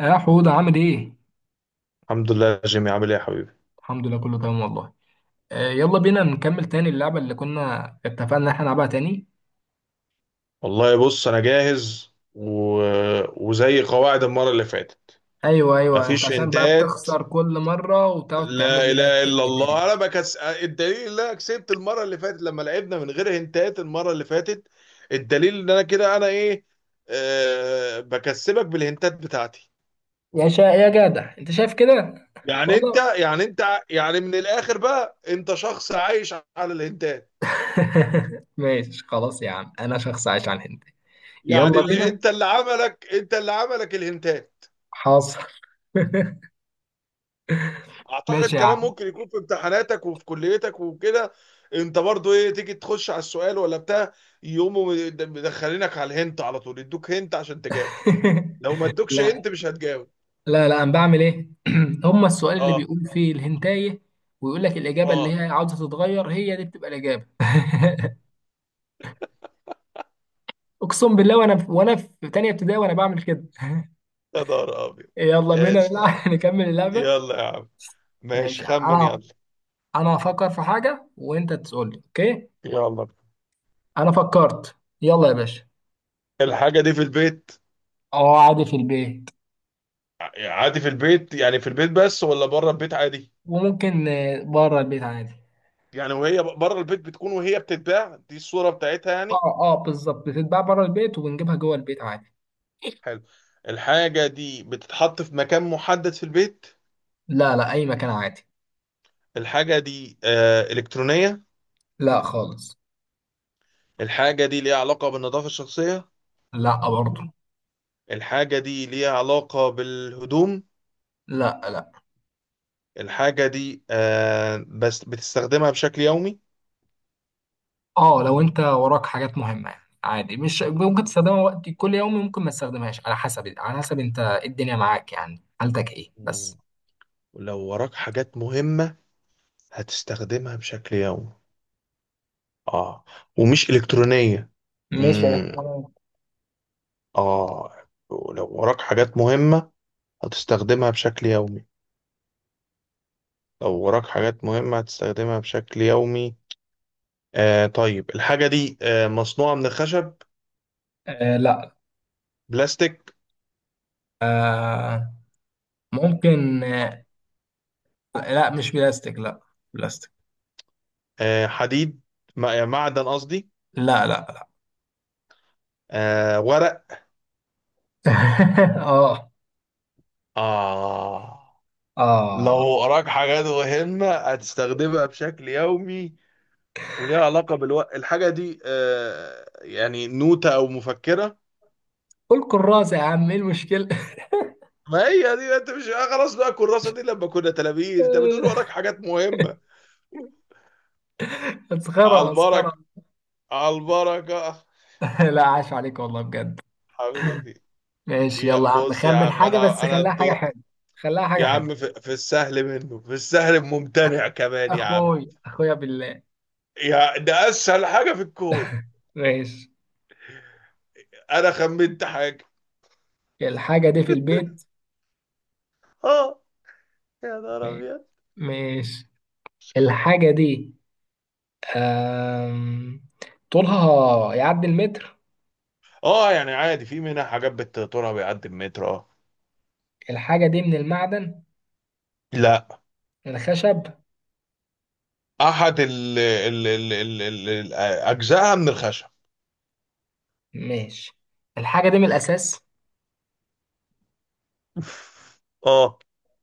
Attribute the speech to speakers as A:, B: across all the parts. A: يا حوده، عامل ايه؟
B: الحمد لله يا جيمي، عامل ايه يا حبيبي؟
A: الحمد لله، كله تمام والله. آه، يلا بينا نكمل تاني اللعبه اللي كنا اتفقنا ان احنا نلعبها تاني.
B: والله بص، انا جاهز وزي قواعد المره اللي فاتت.
A: ايوه ايوه، انت
B: مفيش
A: عشان بقى
B: هنتات.
A: بتخسر كل مره وتقعد تعمل
B: لا
A: لي بقى
B: اله
A: كلمه
B: الا
A: تاني.
B: الله، انا الدليل ان انا كسبت المره اللي فاتت لما لعبنا من غير هنتات المره اللي فاتت. الدليل ان انا كده انا ايه. بكسبك بالهنتات بتاعتي.
A: يا جدع، انت شايف كده
B: يعني انت
A: والله.
B: يعني انت يعني من الاخر بقى انت شخص عايش على الهنتات.
A: ماشي خلاص يا عم، انا شخص عايش على الهند.
B: يعني
A: يلا بينا.
B: انت اللي عملك الهنتات.
A: حاصل.
B: اعتقد
A: ماشي يا
B: كمان
A: عم.
B: ممكن يكون في امتحاناتك وفي كليتك وكده. انت برضو ايه، تيجي تخش على السؤال ولا بتاع؟ يقوموا مدخلينك على الهنت على طول، يدوك هنت عشان تجاوب. لو ما ادوكش
A: لا
B: هنت مش هتجاوب.
A: لا لا، انا بعمل ايه؟ هما السؤال اللي
B: اه
A: بيقول فيه الهنتايه ويقول لك الاجابه اللي
B: اه.
A: هي عاوزه تتغير هي دي بتبقى الاجابه. اقسم بالله، وانا في تانية ابتدائي وانا بعمل كده.
B: يا نهار ابيض.
A: يلا بينا
B: ماشي يا عم.
A: نلعب، نكمل اللعبة.
B: يلا يا عم. ماشي
A: ماشي.
B: خمن،
A: انا
B: يلا.
A: انا هفكر في حاجة وانت تقول لي اوكي.
B: يلا.
A: انا فكرت. يلا يا باشا.
B: الحاجة دي في البيت.
A: اه، عادي في البيت.
B: عادي في البيت، يعني في البيت بس ولا بره البيت عادي؟
A: وممكن بره البيت عادي.
B: يعني وهي بره البيت بتكون وهي بتتباع، دي الصورة بتاعتها يعني.
A: اه اه، بالظبط بتتباع بره البيت وبنجيبها جوه البيت عادي.
B: حلو. الحاجة دي بتتحط في مكان محدد في البيت.
A: لا لا، اي مكان عادي.
B: الحاجة دي إلكترونية.
A: لا خالص.
B: الحاجة دي ليها علاقة بالنظافة الشخصية.
A: لا برضه.
B: الحاجة دي ليها علاقة بالهدوم.
A: لا لا.
B: الحاجة دي بس بتستخدمها بشكل يومي.
A: اه، لو انت وراك حاجات مهمه يعني عادي، مش ممكن تستخدمها وقت كل يوم، ممكن ما تستخدمهاش، على حسب على حسب انت إيه الدنيا معاك، يعني حالتك ايه
B: مم.
A: بس.
B: ولو وراك حاجات مهمة هتستخدمها بشكل يومي. اه. ومش إلكترونية.
A: مش
B: مم.
A: إلكترونيات.
B: اه. ولو وراك حاجات مهمة هتستخدمها بشكل يومي. لو وراك حاجات مهمة هتستخدمها بشكل يومي. آه طيب، الحاجة دي مصنوعة من خشب؟
A: آه لا.
B: بلاستيك؟
A: آه. ممكن آه. لا، مش بلاستيك لا. بلاستيك.
B: حديد. معدن قصدي.
A: لا لا.
B: ورق.
A: اه.
B: آه. لو
A: اه.
B: وراك حاجات مهمة هتستخدمها بشكل يومي وليها علاقة بالوقت، الحاجة دي يعني نوتة أو مفكرة؟
A: قول كراسة يا عم، ايه المشكلة؟
B: ما هي دي، انت مش خلاص بقى الكراسة دي لما كنا تلاميذ انت بتقول وراك حاجات مهمة. على
A: مسخرة مسخرة.
B: البركة. على البركة.
A: لا، عاش عليك والله بجد.
B: حبيبي.
A: ماشي،
B: يا
A: يلا يا عم،
B: بص يا
A: خمن
B: عم،
A: حاجة بس
B: انا
A: خليها حاجة
B: الدور.
A: حلوة. خليها حاجة
B: يا
A: حلوة.
B: عم، في السهل منه، في السهل ممتنع كمان يا عم.
A: اخويا بالله.
B: يا ده اسهل حاجه في الكون.
A: ماشي.
B: انا خمنت حاجه.
A: الحاجة دي في البيت.
B: اه. يا نهار ابيض.
A: ماشي. الحاجة دي، آم... طولها يعدي المتر.
B: اه، يعني عادي، في منها حاجات بتطولها بيعدي المتر. اه.
A: الحاجة دي من المعدن.
B: لا.
A: من الخشب.
B: احد اجزائها من الخشب.
A: ماشي. الحاجة دي من الأساس.
B: اه.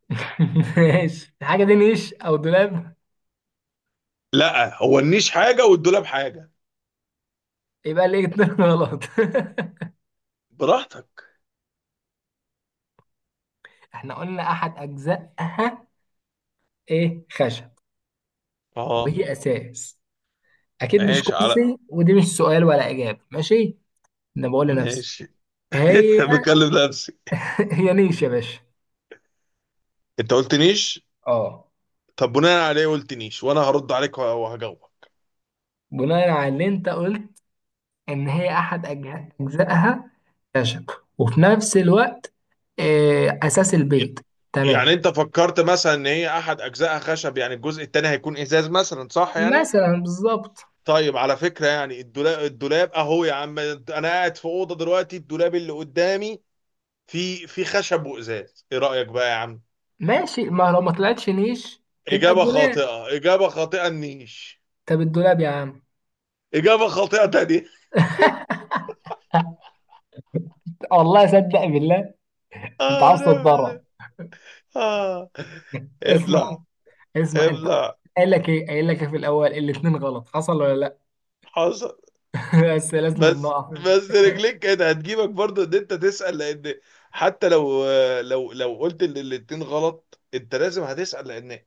A: ماشي. الحاجة دي نيش أو دولاب؟
B: لا، هو النيش حاجه والدولاب حاجه.
A: يبقى ليه اتنين غلط؟
B: براحتك.
A: احنا قلنا أحد أجزائها. إيه، خشب.
B: اه.
A: وهي أساس. أكيد مش
B: ماشي على
A: كرسي، ودي مش سؤال ولا إجابة. ماشي. أنا بقول لنفسي.
B: ماشي.
A: هي.
B: بكلم نفسي.
A: هي نيش يا باشا.
B: انت قلت نيش.
A: اه.
B: طب بناء عليه قلت نيش، وانا هرد عليك وهجاوب.
A: بناء على اللي انت قلت، ان هي احد اجزائها خشب، وفي نفس الوقت اساس البيت. تمام.
B: يعني انت فكرت مثلا ان هي احد اجزائها خشب، يعني الجزء التاني هيكون ازاز مثلا، صح يعني؟
A: مثلا بالظبط.
B: طيب على فكرة، يعني الدولاب اهو، يا عم انا قاعد في اوضة دلوقتي، الدولاب اللي قدامي في خشب وازاز، ايه رأيك بقى يا عم؟
A: ماشي. ما لو ما طلعتش نيش تبقى
B: اجابة
A: الدولاب.
B: خاطئة، اجابة خاطئة النيش.
A: طب الدولاب يا عم.
B: اجابة خاطئة تانية.
A: والله صدق بالله. انت
B: اه
A: عايز
B: لا
A: تتضرر؟
B: بالله. اه.
A: اسمع.
B: ابلع.
A: اسمع انت.
B: ابلع.
A: قايل لك ايه، قايل لك ايه، في الاول الاتنين غلط، حصل ولا لا؟
B: حصل.
A: بس لازم
B: بس.
A: نقف.
B: بس رجليك كانت هتجيبك برضه ان انت تسأل، لان حتى لو، لو قلت ان الاتنين غلط، انت لازم هتسأل، لان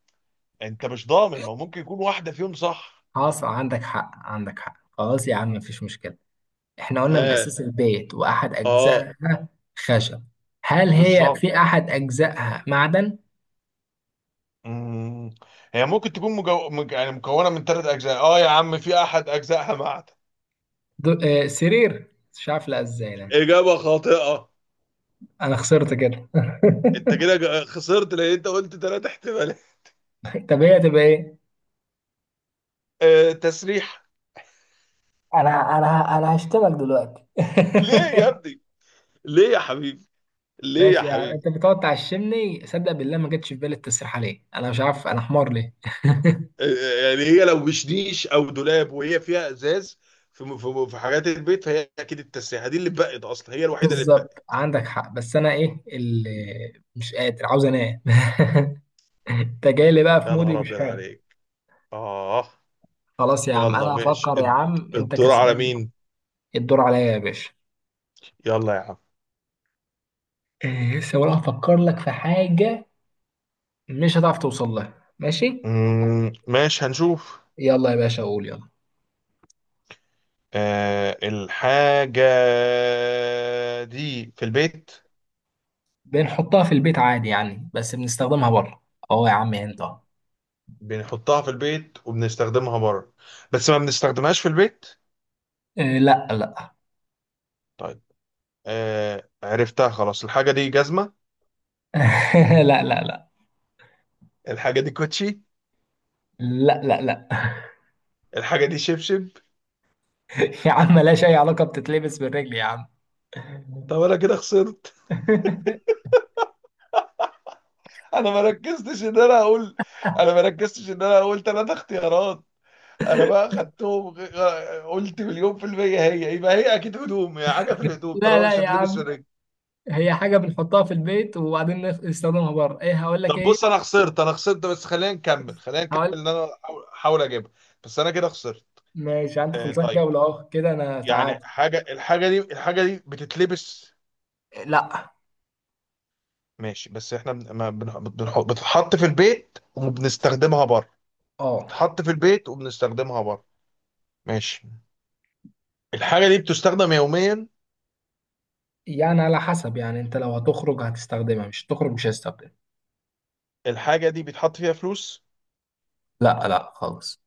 B: انت مش ضامن، ما هو ممكن يكون واحدة فيهم صح.
A: حصل، عندك حق عندك حق، خلاص يا عم مفيش مشكلة. احنا قلنا من
B: ها.
A: الأساس البيت وأحد
B: اه.
A: أجزائها خشب. هل هي
B: بالظبط.
A: في أحد أجزائها معدن؟
B: مم. هي ممكن تكون يعني مكونة من ثلاث أجزاء، اه يا عم، في أحد أجزائها معدن.
A: دو... سرير، مش عارف لا ازاي ده.
B: إجابة خاطئة.
A: أنا خسرت كده.
B: أنت كده خسرت، لأن أنت قلت تلات احتمالات.
A: طب هي تبقى إيه؟
B: تسريح.
A: انا هشتمك دلوقتي.
B: ليه يا ابني؟ ليه يا حبيبي؟ ليه يا
A: ماشي، يعني
B: حبيبي؟
A: أنت بتقعد تعشمني، صدق بالله ما جتش في بالي التسريح عليه، أنا مش عارف أنا حمار ليه.
B: يعني هي لو مش نيش او دولاب، وهي فيها ازاز، في حاجات البيت، فهي اكيد التسريحه دي اللي اتبقت، اصلا هي الوحيده اللي
A: بالظبط
B: اتبقت.
A: عندك حق، بس أنا إيه اللي مش قادر، عاوز أنام. أنت جاي لي بقى في
B: يا
A: مودي
B: نهار
A: مش
B: ابيض
A: حلو.
B: عليك. اه.
A: خلاص يا عم،
B: يلا
A: انا
B: ماشي،
A: هفكر، يا عم انت
B: الدور على
A: كسبان.
B: مين؟
A: الدور عليا يا باشا.
B: يلا يا عم.
A: إيه، لسه ولا هفكر لك في حاجة؟ مش هتعرف توصل لها، ماشي.
B: ماشي، هنشوف.
A: يلا يا باشا، قول يلا.
B: الحاجة دي في البيت.
A: بنحطها في البيت عادي يعني، بس بنستخدمها بره. اهو يا عم، انت أهو.
B: بنحطها في البيت وبنستخدمها بره، بس ما بنستخدمهاش في البيت.
A: إيه، لا لا.
B: طيب. آه عرفتها خلاص، الحاجة دي جزمة؟
A: لا لا لا.
B: الحاجة دي كوتشي؟
A: لا لا لا.
B: الحاجه دي شبشب؟
A: يا عم، ملهاش اي علاقة، بتتلبس بالرجل يا عم.
B: طب انا كده خسرت. انا ما ركزتش ان انا اقول. انا ما ركزتش ان انا اقول ثلاث اختيارات. انا بقى خدتهم، قلت مليون في المية، هي يبقى هي اكيد هدوم، هي حاجة في الهدوم
A: لا
B: طالما
A: لا
B: مش
A: يا
B: هتلبس في
A: عم.
B: الرجل.
A: هي حاجة بنحطها في البيت وبعدين نستخدمها بره، ايه هقول لك
B: طب
A: ايه
B: بص
A: هي؟
B: انا خسرت، انا خسرت، بس خلينا نكمل، خلينا نكمل
A: هقول.
B: ان انا احاول اجيبها. بس انا كده خسرت.
A: ماشي، انت
B: آه
A: خلصان
B: طيب.
A: جولة اهو كده انا
B: يعني
A: تعادل.
B: حاجة، الحاجة دي بتتلبس.
A: لا.
B: ماشي، بس احنا بن- ما بن- بنحط بتتحط في البيت وبنستخدمها بره.
A: اه
B: بتتحط في البيت وبنستخدمها بره. ماشي. الحاجة دي بتستخدم يوميا.
A: يعني على حسب، يعني انت لو هتخرج هتستخدمها، مش هتخرج مش هتستخدمها.
B: الحاجة دي بيتحط فيها فلوس.
A: لا لا خالص.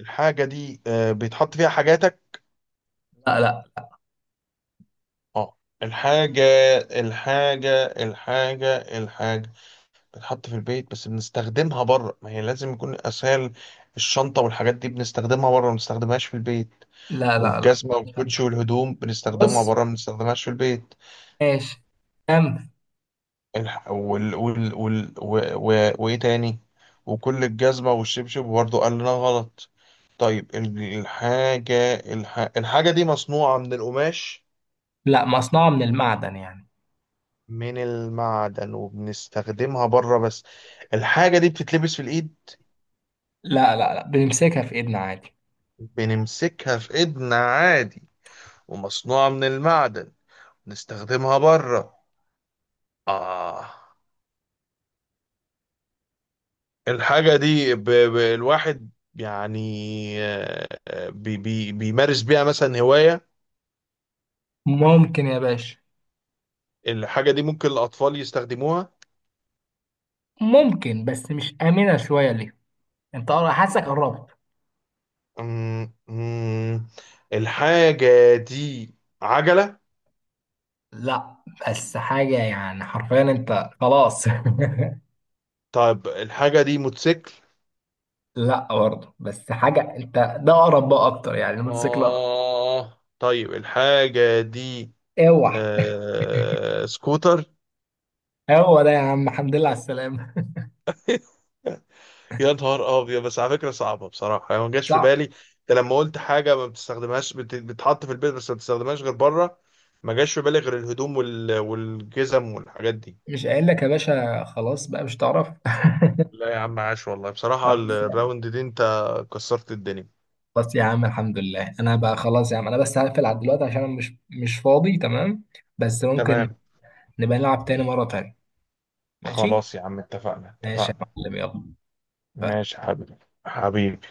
B: الحاجة دي بيتحط فيها حاجاتك.
A: لا لا.
B: اه. الحاجة الحاجة بتتحط في البيت بس بنستخدمها بره، ما هي لازم يكون أسهل. الشنطة والحاجات دي بنستخدمها بره، ما بنستخدمهاش في البيت.
A: لا لا لا.
B: والجزمة والكوتشي والهدوم بنستخدمها
A: بص.
B: بره، ما بنستخدمهاش في البيت.
A: ماشي. كم.
B: وايه تاني؟ وكل الجزمة والشبشب برضه قال لنا غلط. طيب الحاجة دي مصنوعة من القماش؟
A: لا، مصنوعة من المعدن يعني.
B: من المعدن، وبنستخدمها بره بس. الحاجة دي بتتلبس في الإيد؟
A: لا لا لا، بنمسكها في ايدنا عادي.
B: بنمسكها في إيدنا عادي. ومصنوعة من المعدن. نستخدمها بره. آه. الحاجة دي الواحد يعني بيمارس بيها مثلا هواية.
A: ممكن يا باشا.
B: الحاجة دي ممكن الأطفال يستخدموها.
A: ممكن بس مش آمنة شوية ليه. انت حاسك قربت.
B: أمم، أمم، الحاجة دي عجلة؟
A: لا، بس حاجة يعني حرفيا، انت خلاص.
B: طيب الحاجة دي موتوسيكل؟
A: لا برضه، بس حاجة انت. ده اقرب بقى اكتر، يعني الموتوسيكل اقرب.
B: آه طيب، الحاجة دي.
A: اوعى.
B: سكوتر.
A: هو ده يا عم، الحمد لله على السلامة.
B: يا نهار أبيض! بس على فكرة صعبة بصراحة، يعني ما جاش في
A: صح.
B: بالي، أنت لما قلت حاجة ما بتستخدمهاش، بتحط في البيت بس ما بتستخدمهاش غير بره. ما جاش في بالي غير الهدوم والجزم والحاجات دي.
A: مش قايل لك يا باشا خلاص بقى، مش تعرف؟
B: لا يا عم، عاش والله بصراحة،
A: خلاص يا عم.
B: الراوند دي أنت كسرت الدنيا.
A: خلاص يا عم، الحمد لله. انا بقى خلاص يا عم، انا بس هقفل على دلوقتي عشان انا مش فاضي. تمام. بس ممكن
B: تمام.
A: نبقى نلعب تاني مرة تانية. ماشي.
B: خلاص يا عم، اتفقنا
A: ماشي يا
B: اتفقنا.
A: معلم، يلا.
B: ماشي يا حبيبي. حبيبي.